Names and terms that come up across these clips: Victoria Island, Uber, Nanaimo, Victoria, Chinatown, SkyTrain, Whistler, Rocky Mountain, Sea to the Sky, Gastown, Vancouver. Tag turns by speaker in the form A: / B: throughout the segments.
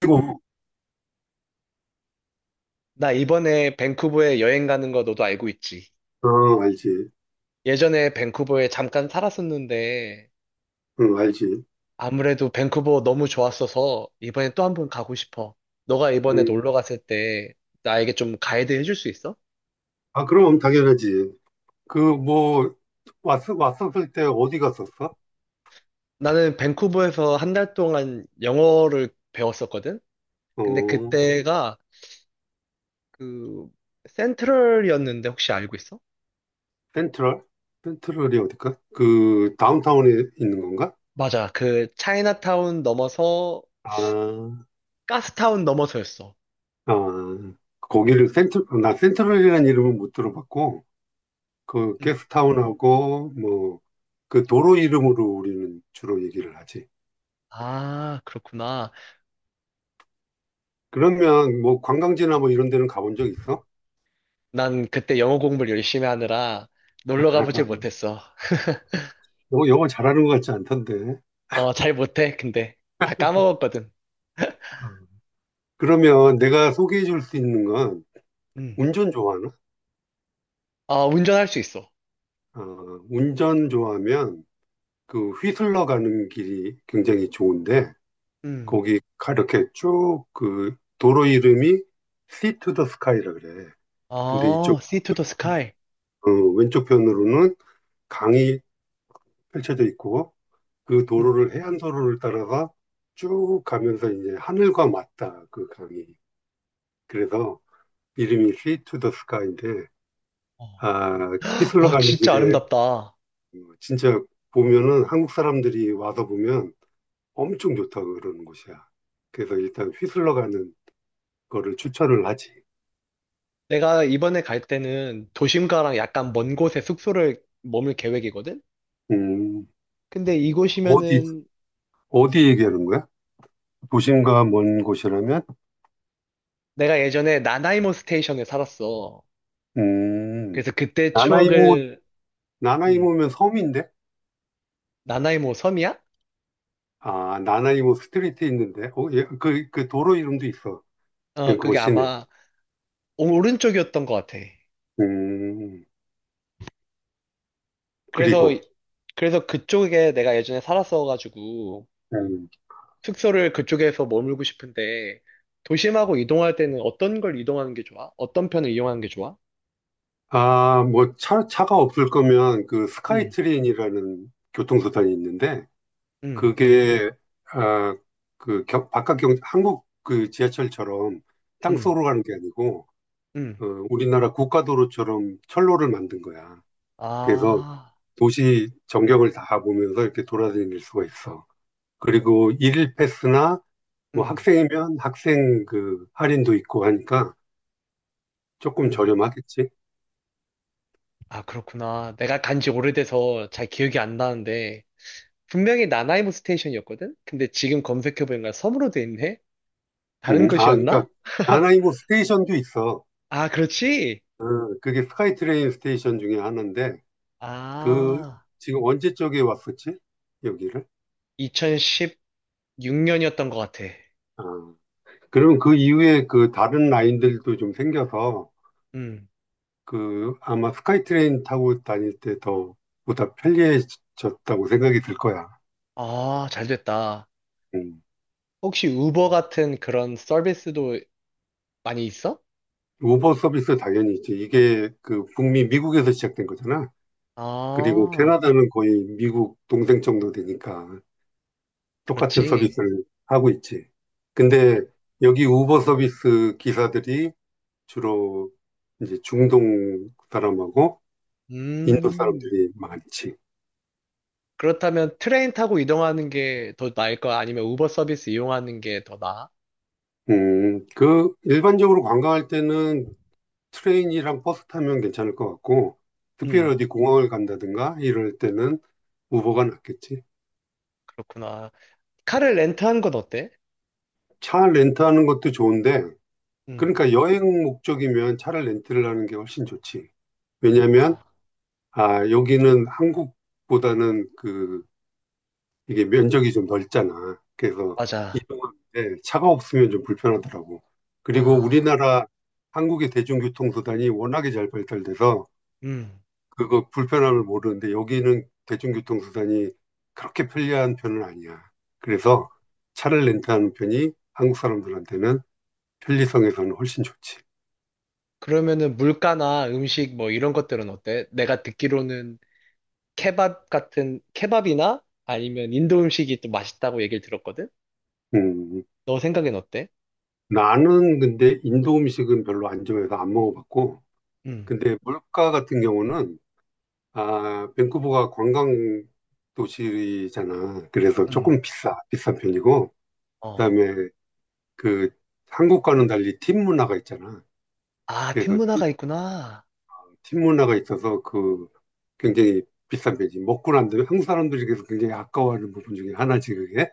A: 그리고
B: 나 이번에 밴쿠버에 여행 가는 거 너도 알고 있지?
A: 어, 알지.
B: 예전에 밴쿠버에 잠깐 살았었는데
A: 응, 알지.
B: 아무래도 밴쿠버 너무 좋았어서 이번에 또 한 번 가고 싶어. 너가 이번에
A: 음,
B: 놀러 갔을 때 나에게 좀 가이드 해줄 수 있어?
A: 아, 그럼 당연하지. 그, 뭐, 왔었을 때 어디 갔었어?
B: 나는 밴쿠버에서 한 달 동안 영어를 배웠었거든? 근데
A: 어,
B: 그때가 그 센트럴이었는데 혹시 알고 있어?
A: 센트럴? 센트럴이 어딜까? 그, 다운타운에 있는 건가?
B: 맞아. 그 차이나타운 넘어서
A: 아,
B: 가스타운 넘어서였어.
A: 아, 거기를 나 센트럴이라는 이름은 못 들어봤고, 그,
B: 음.
A: 게스트타운하고, 뭐, 그 도로 이름으로 우리는 주로 얘기를 하지.
B: 아, 그렇구나.
A: 그러면, 뭐, 관광지나 뭐 이런 데는 가본 적 있어?
B: 난 그때 영어 공부를 열심히 하느라 놀러 가보질 못했어.
A: 요거, 요거 잘하는 것 같지 않던데.
B: 어, 잘 못해, 근데. 다 까먹었거든.
A: 어. 그러면 내가 소개해 줄 수 있는 건
B: 음.
A: 운전 좋아하나?
B: 아, 운전할 수 있어.
A: 아, 운전 좋아하면 그 휘슬러 가는 길이 굉장히 좋은데
B: 음.
A: 거기 가- 이렇게 쭉 그 도로 이름이 Sea to the Sky라 그래. 근데
B: 아,
A: 이쪽
B: Sea to the Sky.
A: 어, 왼쪽 편으로는 강이 펼쳐져 있고 그
B: 음.
A: 도로를 해안 도로를 따라서 쭉 가면서 이제 하늘과 맞닿아 그 강이. 그래서 이름이 Sea to the Sky인데
B: 어.
A: 아, 휘슬러
B: 와,
A: 가는
B: 진짜
A: 길에
B: 아름답다.
A: 그 진짜 보면은 한국 사람들이 와서 보면 엄청 좋다 그러는 곳이야. 그래서 일단 휘슬러 가는 거를 추천을 하지.
B: 내가 이번에 갈 때는 도심가랑 약간 먼 곳에 숙소를 머물 계획이거든?
A: 음,
B: 근데
A: 어디,
B: 이곳이면은
A: 어디 얘기하는 거야? 도심과 먼 곳이라면?
B: 내가 예전에 나나이모 스테이션에 살았어.
A: 음,
B: 그래서 그때
A: 나나이모,
B: 추억을, 음,
A: 나나이모면 섬인데?
B: 나나이모 섬이야?
A: 아, 나나이모 스트리트 있는데? 어, 예, 그, 그 도로 이름도 있어.
B: 어,
A: 밴쿠버
B: 그게
A: 시내.
B: 아마 오른쪽이었던 것 같아.
A: 음,
B: 그래서,
A: 그리고,
B: 그래서 그쪽에 내가 예전에 살았어가지고,
A: 음,
B: 숙소를 그쪽에서 머물고 싶은데, 도심하고 이동할 때는 어떤 걸 이동하는 게 좋아? 어떤 편을 이용하는 게 좋아?
A: 아, 뭐, 차가 없을 거면 그
B: 응,
A: 스카이트레인이라는 교통수단이 있는데,
B: 응,
A: 그게 아, 그 바깥 경 한국 그 지하철처럼
B: 응,
A: 땅속으로 가는 게 아니고
B: 응.
A: 어, 우리나라 국가도로처럼 철로를 만든 거야. 그래서
B: 아,
A: 도시 전경을 다 보면서 이렇게 돌아다닐 수가 있어. 그리고 일일 패스나 뭐
B: 응,
A: 학생이면 학생 그 할인도 있고 하니까 조금
B: 응.
A: 저렴하겠지.
B: 아, 그렇구나. 내가 간지 오래돼서 잘 기억이 안 나는데, 분명히 나나이모 스테이션이었거든? 근데 지금 검색해보니까 섬으로 돼 있네? 다른
A: 아 그러니까
B: 곳이었나?
A: 나나이모 스테이션도 있어.
B: 아, 그렇지?
A: 어, 그게 스카이트레인 스테이션 중에 하나인데 그
B: 아,
A: 지금 언제 쪽에 왔었지? 여기를?
B: 2016년이었던 것 같아.
A: 아, 그러면 그 이후에 그 다른 라인들도 좀 생겨서
B: 음.
A: 그 아마 스카이트레인 타고 다닐 때 더 보다 편리해졌다고 생각이 들 거야.
B: 아, 잘 됐다.
A: 음.
B: 혹시 우버 같은 그런 서비스도 많이 있어?
A: 우버 서비스 당연히 있지. 이게 그 북미 미국에서 시작된 거잖아. 그리고
B: 아,
A: 캐나다는 거의 미국 동생 정도 되니까 똑같은
B: 그렇지.
A: 서비스를 하고 있지. 근데
B: 그-
A: 여기 우버 서비스 기사들이 주로 이제 중동 사람하고 인도
B: 음,
A: 사람들이 많지.
B: 그렇다면 트레인 타고 이동하는 게 더 나을 거야? 아니면 우버 서비스 이용하는 게 더 나아?
A: 그, 일반적으로 관광할 때는 트레인이랑 버스 타면 괜찮을 것 같고, 특별히
B: 음,
A: 어디 공항을 간다든가 이럴 때는 우버가 낫겠지.
B: 그렇구나. 카를 렌트한 건 어때?
A: 차 렌트하는 것도 좋은데,
B: 음,
A: 그러니까 여행 목적이면 차를 렌트를 하는 게 훨씬 좋지.
B: 아,
A: 왜냐면, 아, 여기는 한국보다는 그, 이게 면적이 좀 넓잖아. 그래서
B: 맞아.
A: 이동하는데 차가 없으면 좀 불편하더라고. 그리고
B: 아,
A: 우리나라 한국의 대중교통 수단이 워낙에 잘 발달돼서
B: 음.
A: 그거 불편함을 모르는데 여기는 대중교통수단이 그렇게 편리한 편은 아니야. 그래서 차를 렌트하는 편이 한국 사람들한테는 편리성에서는 훨씬 좋지.
B: 그러면은 물가나 음식 뭐 이런 것들은 어때? 내가 듣기로는 케밥 같은, 케밥이나 아니면 인도 음식이 또 맛있다고 얘기를 들었거든?
A: 음,
B: 너 생각엔 어때?
A: 나는 근데 인도 음식은 별로 안 좋아해서 안 먹어봤고,
B: 음,
A: 근데 물가 같은 경우는 아, 밴쿠버가 관광 도시잖아. 그래서
B: 음.
A: 조금 비싼 편이고,
B: 어.
A: 그다음에 그 한국과는 달리 팁 문화가 있잖아.
B: 아, 팀
A: 그래서
B: 문화가 있구나.
A: 팀 문화가 있어서 그 굉장히 비싼 배지. 먹고 난 다음에 한국 사람들에게서 굉장히 아까워하는 부분 중에 하나지 그게.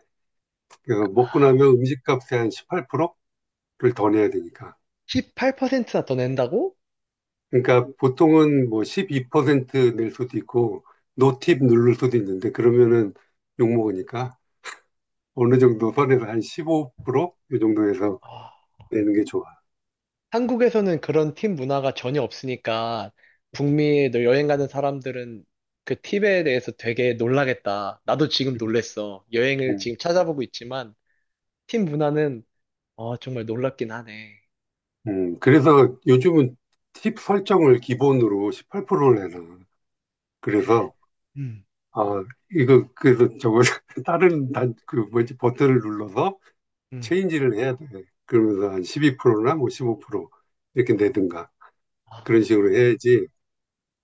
A: 그래서 먹고 나면 음식값의 한 18%를 더 내야 되니까.
B: 18%나 더 낸다고?
A: 그러니까 보통은 뭐 12%낼 수도 있고 노팁 누를 수도 있는데 그러면은 욕먹으니까 어느 정도 선에서 한 15 이 정도에서
B: 와.
A: 내는 게 좋아.
B: 한국에서는 그런 팀 문화가 전혀 없으니까
A: 그치.
B: 북미에 너 여행 가는 사람들은 그 팁에 대해서 되게 놀라겠다. 나도 지금 놀랬어. 여행을
A: 음,
B: 지금 찾아보고 있지만 팀 문화는 어, 정말 놀랍긴 하네.
A: 그래서 요즘은 팁 설정을 기본으로 18%를 해놔. 그래서
B: 음,
A: 아, 이거, 그래서 저거, 그 뭐지, 버튼을 눌러서
B: 음,
A: 체인지를 해야 돼. 그러면서 한 12%나 뭐 15% 이렇게 내든가.
B: 아,
A: 그런 식으로 해야지.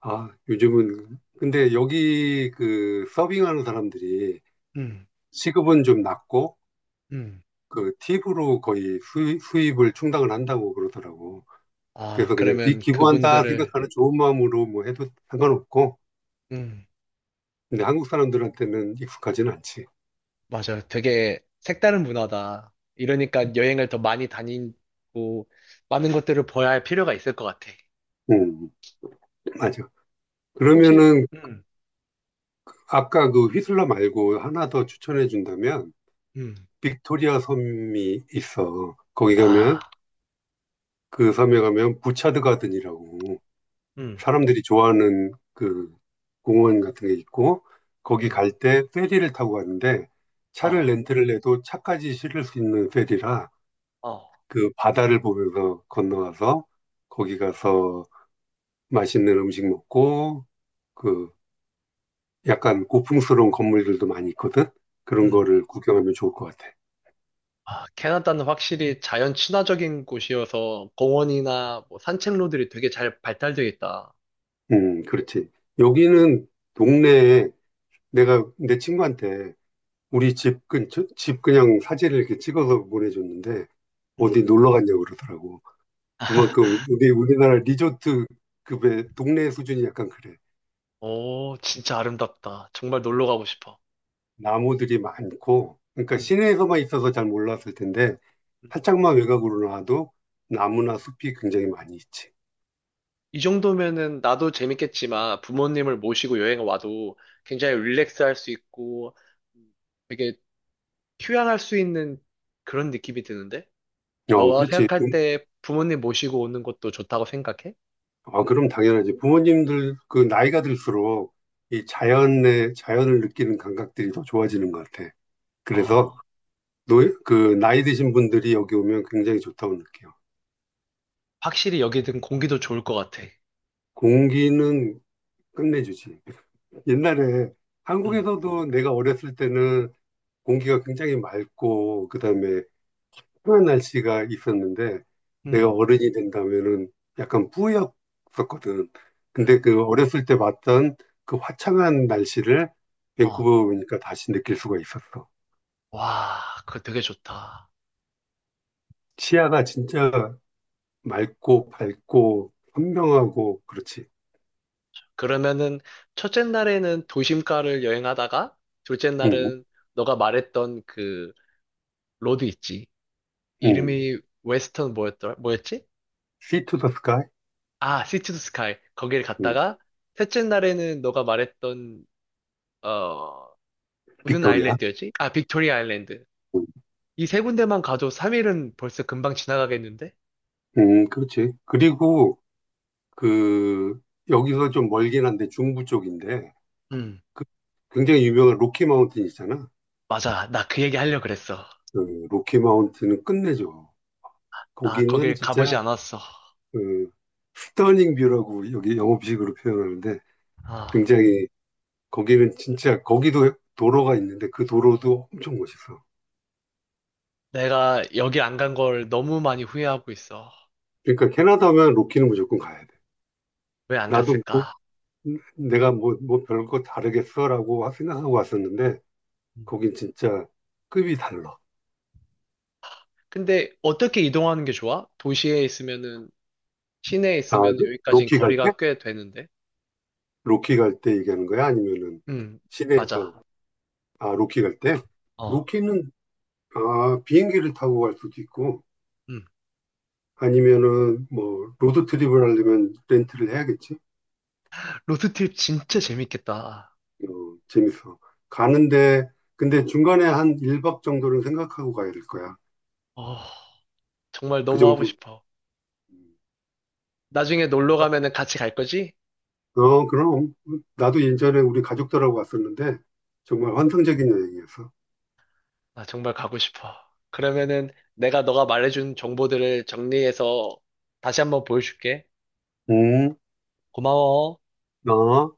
A: 아, 요즘은, 근데 여기 그 서빙하는 사람들이
B: 음,
A: 시급은 좀 낮고,
B: 음,
A: 그 팁으로 거의 수입을 충당을 한다고 그러더라고.
B: 아,
A: 그래서 그냥 기,
B: 그러면
A: 기부한다
B: 그분들을
A: 생각하는 좋은 마음으로 뭐 해도 상관없고,
B: 음.
A: 근데 한국 사람들한테는 익숙하진 않지.
B: 맞아요. 되게 색다른 문화다. 이러니까 여행을 더 많이 다니고 많은 것들을 봐야 할 필요가 있을 것 같아.
A: 음, 맞아.
B: 혹시
A: 그러면은
B: 음,
A: 아까 그 휘슬러 말고 하나 더 추천해 준다면
B: 음,
A: 빅토리아 섬이 있어. 거기 가면
B: 아,
A: 그 섬에 가면 부차드 가든이라고
B: 음,
A: 사람들이 좋아하는 그 공원 같은 게 있고 거기
B: 음,
A: 갈 때 페리를 타고 가는데 차를
B: 아,
A: 렌트를 해도 차까지 실을 수 있는 페리라
B: 어,
A: 그 바다를 보면서 건너가서 거기 가서 맛있는 음식 먹고 그 약간 고풍스러운 건물들도 많이 있거든. 그런
B: 음.
A: 거를 구경하면 좋을 것 같아.
B: 아, 캐나다는 확실히 자연 친화적인 곳이어서 공원이나 뭐 산책로들이 되게 잘 발달되어 있다.
A: 그렇지. 여기는 동네에 내가 내 친구한테 우리 집 근처, 집 그냥 사진을 이렇게 찍어서 보내줬는데
B: 음.
A: 어디 놀러 갔냐고 그러더라고. 그만큼 우리나라 리조트급의 동네 수준이 약간 그래.
B: 오, 진짜 아름답다. 정말 놀러 가고 싶어.
A: 나무들이 많고, 그러니까
B: 음.
A: 시내에서만 있어서 잘 몰랐을 텐데 살짝만 외곽으로 나와도 나무나 숲이 굉장히 많이 있지.
B: 이 정도면은 나도 재밌겠지만 부모님을 모시고 여행 와도 굉장히 릴렉스 할 수 있고 되게 휴양할 수 있는 그런 느낌이 드는데?
A: 어,
B: 너가
A: 그렇지.
B: 생각할 때 부모님 모시고 오는 것도 좋다고 생각해?
A: 아, 그럼 당연하지. 부모님들 그 나이가 들수록 이 자연의 자연을 느끼는 감각들이 더 좋아지는 것 같아. 그래서
B: 아,
A: 노, 그 나이 드신 분들이 여기 오면 굉장히 좋다고 느껴요.
B: 확실히 여기든 공기도 좋을 것 같아.
A: 공기는 끝내주지. 옛날에
B: 응,
A: 한국에서도 내가 어렸을 때는 공기가 굉장히 맑고 그다음에 평창한 날씨가 있었는데
B: 응,
A: 내가 어른이 된다면은 약간 뿌였었거든.
B: 응.
A: 근데 그 어렸을 때 봤던 그 화창한 날씨를
B: 어,
A: 밴쿠버 오니까 다시 느낄 수가 있었어.
B: 와, 그거 되게 좋다.
A: 시야가 진짜 맑고 밝고 선명하고 그렇지.
B: 그러면은 첫째 날에는 도심가를 여행하다가 둘째
A: 음,
B: 날은 너가 말했던 그 로드 있지.
A: 음.
B: 이름이 웨스턴 뭐였더라? 뭐였지?
A: See to the sky.
B: 아, 시티 투 스카이. 거기를
A: 음,
B: 갔다가 셋째 날에는 너가 말했던 어 무슨
A: 빅토리아.
B: 아일랜드였지? 아, 빅토리아 아일랜드.
A: 음,
B: 이 세 군데만 가도 3일은 벌써 금방 지나가겠는데?
A: 그렇지. 그리고 그 여기서 좀 멀긴 한데 중부 쪽인데
B: 음,
A: 그 굉장히 유명한 로키 마운틴 있잖아.
B: 맞아. 나 그 얘기 하려고 그랬어.
A: 그 로키 마운틴은 끝내죠.
B: 나
A: 거기는
B: 거길
A: 진짜
B: 가보지 않았어.
A: 그 스터닝 뷰라고 여기 영업식으로 표현하는데
B: 아,
A: 굉장히 거기는 진짜 거기도 도로가 있는데 그 도로도 엄청 멋있어.
B: 내가 여기 안 간 걸 너무 많이 후회하고 있어.
A: 그러니까 캐나다면 로키는 무조건 가야 돼.
B: 왜 안
A: 나도 뭐
B: 갔을까?
A: 내가 뭐, 별거 다르겠어라고 생각하고 왔었는데
B: 음.
A: 거긴 진짜 급이 달라.
B: 근데 어떻게 이동하는 게 좋아? 도시에 있으면은 시내에
A: 아,
B: 있으면 여기까지는
A: 로키 갈 때?
B: 거리가 꽤 되는데.
A: 로키 갈 때 얘기하는 거야? 아니면은
B: 음, 맞아.
A: 시내에서 아 로키 갈 때?
B: 어,
A: 로키는 아, 비행기를 타고 갈 수도 있고,
B: 음.
A: 아니면은 뭐, 로드트립을 하려면 렌트를 해야겠지?
B: 로드트립 진짜 재밌겠다.
A: 어, 재밌어. 가는데, 근데 중간에 한 1박 정도는 생각하고 가야 될 거야.
B: 어, 정말
A: 그
B: 너무 하고
A: 정도.
B: 싶어. 나중에 놀러 가면은 같이 갈 거지?
A: 어, 그럼. 나도 예전에 우리 가족들하고 갔었는데, 정말 환상적인 여행이었어.
B: 나 정말 가고 싶어. 그러면은 내가 너가 말해준 정보들을 정리해서 다시 한번 보여줄게.
A: 음,
B: 고마워.
A: 어.